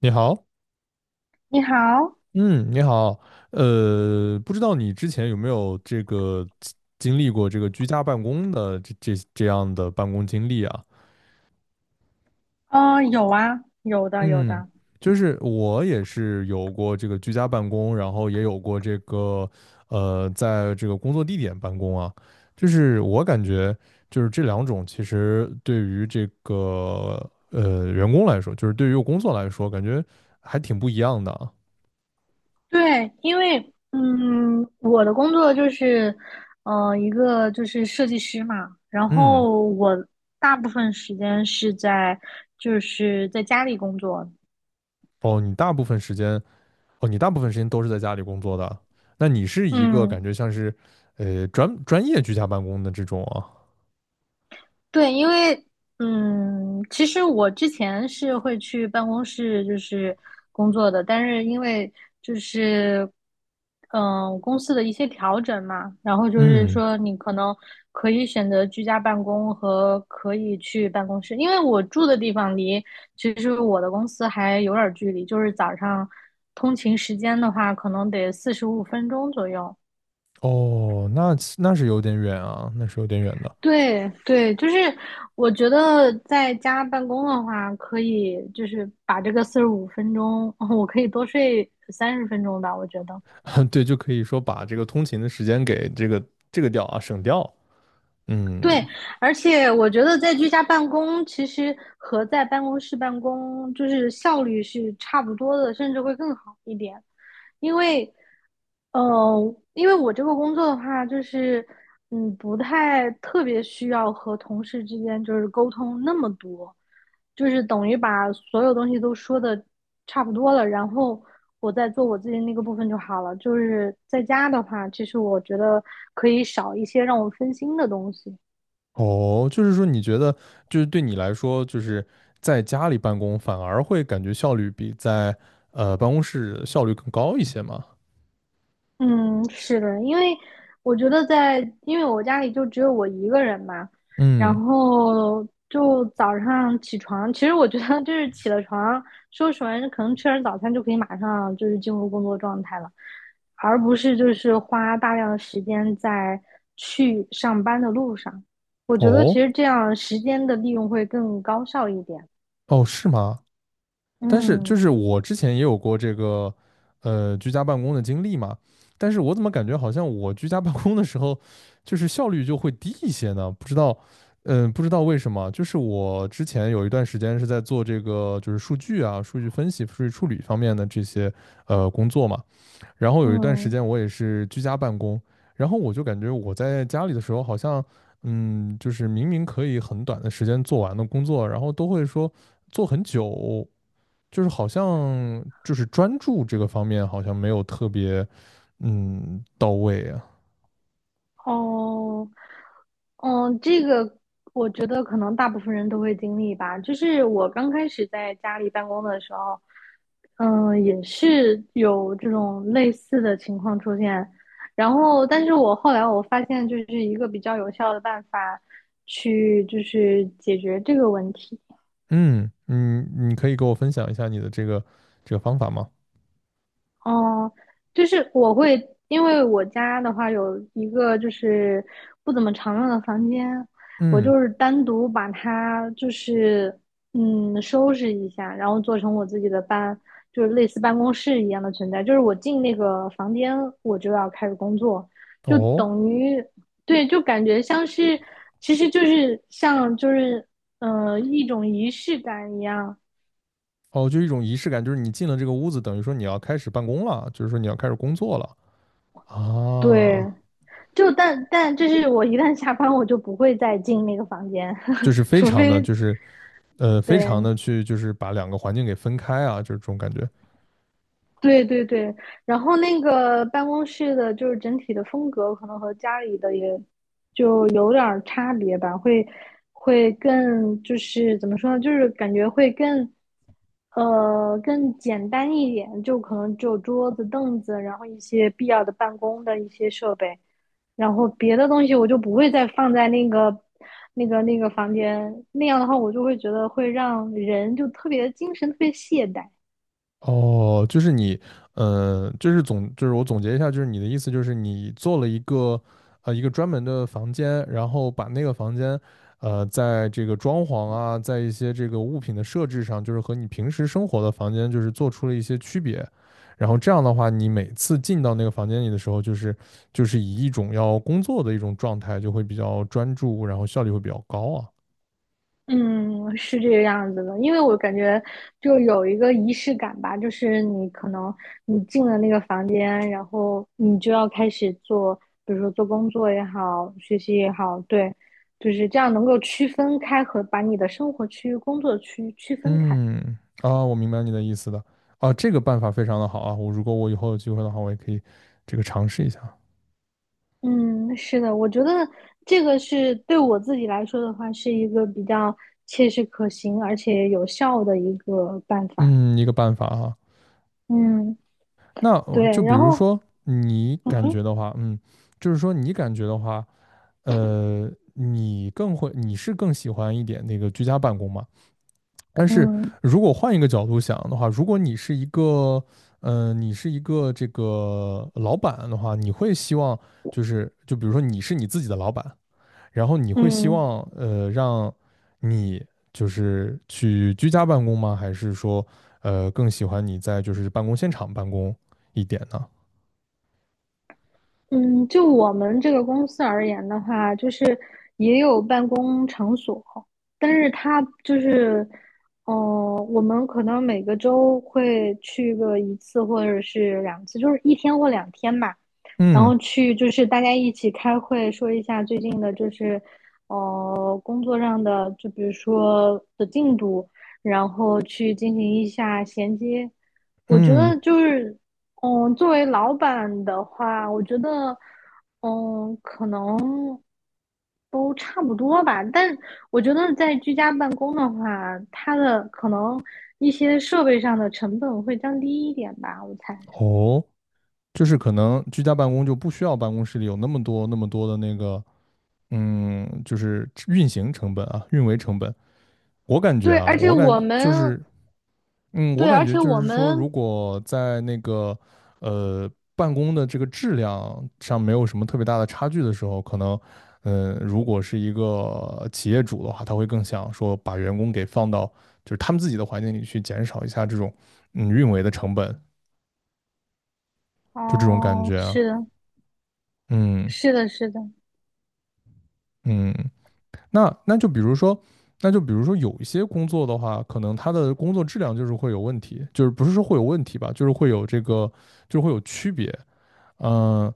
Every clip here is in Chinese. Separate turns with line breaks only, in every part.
你好。
你好。
嗯，你好。不知道你之前有没有这个经历过这个居家办公的这样的办公经历啊？
有啊，有的，有
嗯，
的。
就是我也是有过这个居家办公，然后也有过这个在这个工作地点办公啊。就是我感觉就是这两种其实对于这个员工来说，就是对于工作来说，感觉还挺不一样的啊。
对，因为，我的工作就是，一个就是设计师嘛。然
嗯。
后我大部分时间是在就是在家里工作，
哦，你大部分时间。哦，你大部分时间都是在家里工作的。那你是一个
嗯。
感觉像是，专业居家办公的这种啊。
对，因为其实我之前是会去办公室就是工作的。但是因为就是公司的一些调整嘛，然后就是
嗯。
说你可能可以选择居家办公和可以去办公室。因为我住的地方离其实我的公司还有点儿距离，就是早上通勤时间的话，可能得四十五分钟左右。
哦，那那是有点远啊，那是有点远的。
对对，就是我觉得在家办公的话，可以就是把这个四十五分钟，我可以多睡30分钟吧，我觉得。
对，就可以说把这个通勤的时间给这个这个掉啊，省掉。
对，
嗯。
而且我觉得在居家办公，其实和在办公室办公就是效率是差不多的，甚至会更好一点。因为因为我这个工作的话，就是不太特别需要和同事之间就是沟通那么多，就是等于把所有东西都说的差不多了，然后我再做我自己那个部分就好了。就是在家的话，其实我觉得可以少一些让我分心的东西。
哦，就是说你觉得，就是对你来说，就是在家里办公反而会感觉效率比在办公室效率更高一些吗？
嗯，是的，因为我觉得在，因为我家里就只有我一个人嘛。然
嗯。
后就早上起床，其实我觉得就是起了床，收拾完可能吃完早餐就可以马上就是进入工作状态了，而不是就是花大量的时间在去上班的路上。我觉得其
哦，
实这样时间的利用会更高效一点。
哦，是吗？但是就
嗯
是我之前也有过这个居家办公的经历嘛，但是我怎么感觉好像我居家办公的时候，就是效率就会低一些呢？不知道，嗯、不知道为什么。就是我之前有一段时间是在做这个就是数据啊、数据分析、数据处理方面的这些工作嘛，然后有一段时
嗯。
间我也是居家办公，然后我就感觉我在家里的时候好像。嗯，就是明明可以很短的时间做完的工作，然后都会说做很久，就是好像就是专注这个方面好像没有特别到位啊。
哦，这个我觉得可能大部分人都会经历吧。就是我刚开始在家里办公的时候，也是有这种类似的情况出现。然后，但是我后来发现，就是一个比较有效的办法去就是解决这个问题。
嗯。嗯，你可以给我分享一下你的这个这个方法吗？
哦，就是我会，因为我家的话有一个就是不怎么常用的房间，我
嗯。
就是单独把它就是收拾一下，然后做成我自己的就是类似办公室一样的存在。就是我进那个房间，我就要开始工作，就
哦
等于对，就感觉像是，其实就是像就是一种仪式感一样，
哦，就一种仪式感，就是你进了这个屋子，等于说你要开始办公了，就是说你要开始工作了啊。
对。就但就是我一旦下班，我就不会再进那个房间，
就是非
除
常的
非
就是非常的
对
去就是把两个环境给分开啊，就是这种感觉。
对对对。然后那个办公室的，就是整体的风格可能和家里的也就有点儿差别吧，会更就是怎么说呢，就是感觉会更更简单一点，就可能只有桌子、凳子，然后一些必要的办公的一些设备，然后别的东西我就不会再放在那个房间，那样的话我就会觉得会让人就特别精神特别懈怠。
哦，就是你，就是总，就是我总结一下，就是你的意思就是你做了一个，呃，一个专门的房间，然后把那个房间，呃，在这个装潢啊，在一些这个物品的设置上，就是和你平时生活的房间，就是做出了一些区别。然后这样的话，你每次进到那个房间里的时候，就是就是以一种要工作的一种状态，就会比较专注，然后效率会比较高啊。
嗯，是这个样子的，因为我感觉就有一个仪式感吧。就是你可能进了那个房间，然后你就要开始做，比如说做工作也好，学习也好，对。就是这样能够区分开和把你的生活区、工作区区分开。
嗯。啊，我明白你的意思的。啊，这个办法非常的好啊，我如果我以后有机会的话，我也可以这个尝试一下。
嗯，是的，我觉得这个是对我自己来说的话，是一个比较切实可行而且有效的一个办法。
嗯，一个办法啊。
嗯，
那我就
对，
比
然
如
后
说你感觉的话，嗯，就是说你感觉的话，你更会，你是更喜欢一点那个居家办公嘛？但是
嗯嗯。
如果换一个角度想的话，如果你是一个，呃，你是一个这个老板的话，你会希望就是，就比如说你是你自己的老板。然后你会希
嗯
望让你就是去居家办公吗？还是说更喜欢你在就是办公现场办公一点呢？
嗯，就我们这个公司而言的话，就是也有办公场所。但是它就是，嗯，我们可能每个周会去个一次或者是两次，就是一天或两天吧，然
嗯
后去就是大家一起开会，说一下最近的，就是，工作上的，就比如说的进度，然后去进行一下衔接。我觉
嗯。
得就是。作为老板的话，我觉得，可能都差不多吧。但我觉得在居家办公的话，它的可能一些设备上的成本会降低一点吧，我猜。
哦，就是可能居家办公就不需要办公室里有那么多那么多的那个就是运行成本啊，运维成本。我感觉
对，
啊，
而且
我感
我
就
们，
是嗯，我
对，
感
而
觉
且
就
我
是说，如
们，
果在那个呃办公的这个质量上没有什么特别大的差距的时候，可能，嗯、如果是一个企业主的话，他会更想说把员工给放到就是他们自己的环境里去，减少一下这种运维的成本，就这种感
哦，
觉啊。
是的，
嗯
是的，是的，
嗯。那那就比如说，那就比如说有一些工作的话，可能他的工作质量就是会有问题，就是不是说会有问题吧，就是会有这个，就是会有区别。嗯、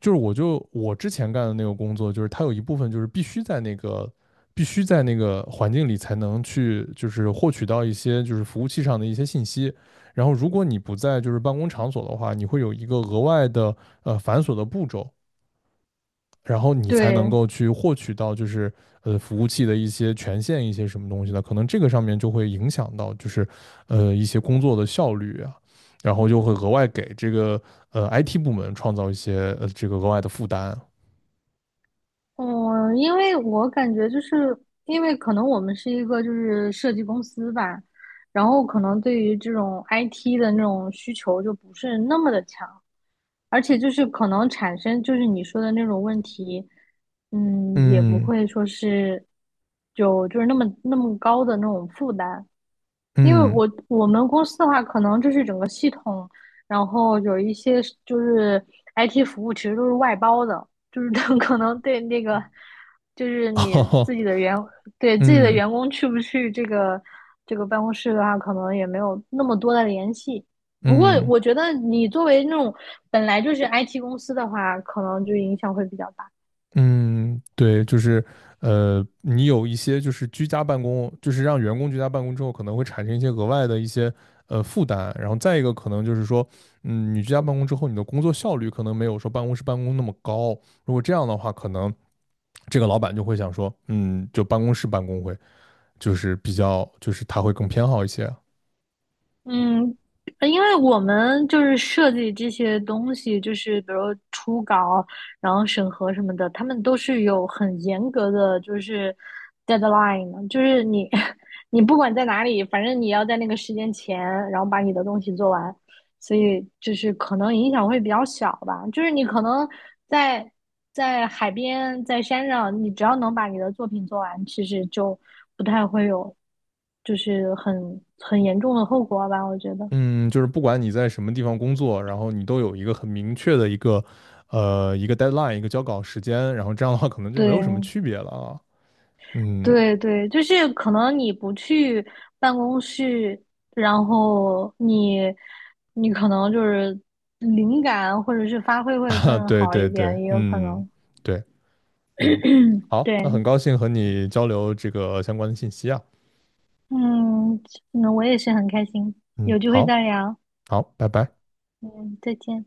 就是我就我之前干的那个工作，就是它有一部分就是必须在那个必须在那个环境里才能去就是获取到一些就是服务器上的一些信息。然后如果你不在就是办公场所的话，你会有一个额外的繁琐的步骤，然后你才能
对。
够去获取到就是服务器的一些权限一些什么东西的，可能这个上面就会影响到就是一些工作的效率啊。然后就会额外给这个IT 部门创造一些这个额外的负担啊。
嗯，因为我感觉就是因为可能我们是一个就是设计公司吧，然后可能对于这种 IT 的那种需求就不是那么的强，而且就是可能产生就是你说的那种问题。也不
嗯
会说是就是那么那么高的那种负担，因为
嗯。
我们公司的话，可能就是整个系统，然后有一些是就是 IT 服务，其实都是外包的，就是他 可能对那个就是 你自
哦，
己的员对自己的
嗯
员工去不去这个办公室的话，可能也没有那么多的联系。不过
嗯
我觉得你作为那种本来就是 IT 公司的话，可能就影响会比较大。
嗯。对，就是你有一些就是居家办公，就是让员工居家办公之后，可能会产生一些额外的一些负担，然后再一个可能就是说，嗯，你居家办公之后，你的工作效率可能没有说办公室办公那么高，如果这样的话，可能这个老板就会想说，嗯，就办公室办公会就是比较就是他会更偏好一些。
嗯，因为我们就是设计这些东西，就是比如初稿，然后审核什么的，他们都是有很严格的就是 deadline 的就是你 你不管在哪里，反正你要在那个时间前，然后把你的东西做完。所以就是可能影响会比较小吧。就是你可能在在海边、在山上，你只要能把你的作品做完，其实就不太会有就是很严重的后果吧。我觉得，
嗯，就是不管你在什么地方工作，然后你都有一个很明确的一个，呃，一个 deadline，一个交稿时间，然后这样的话可能就没有什么
对
区别了啊。嗯。
对对，就是可能你不去办公室，然后你可能就是灵感或者是发挥 会
啊，
更
对
好一
对
点，
对，
也有可
嗯，
能。
对。嗯，好，那
对。
很高兴和你交流这个相关的信息啊。
嗯，那我也是很开心，
嗯，
有机会
好，
再聊。
好，拜拜。
嗯，再见。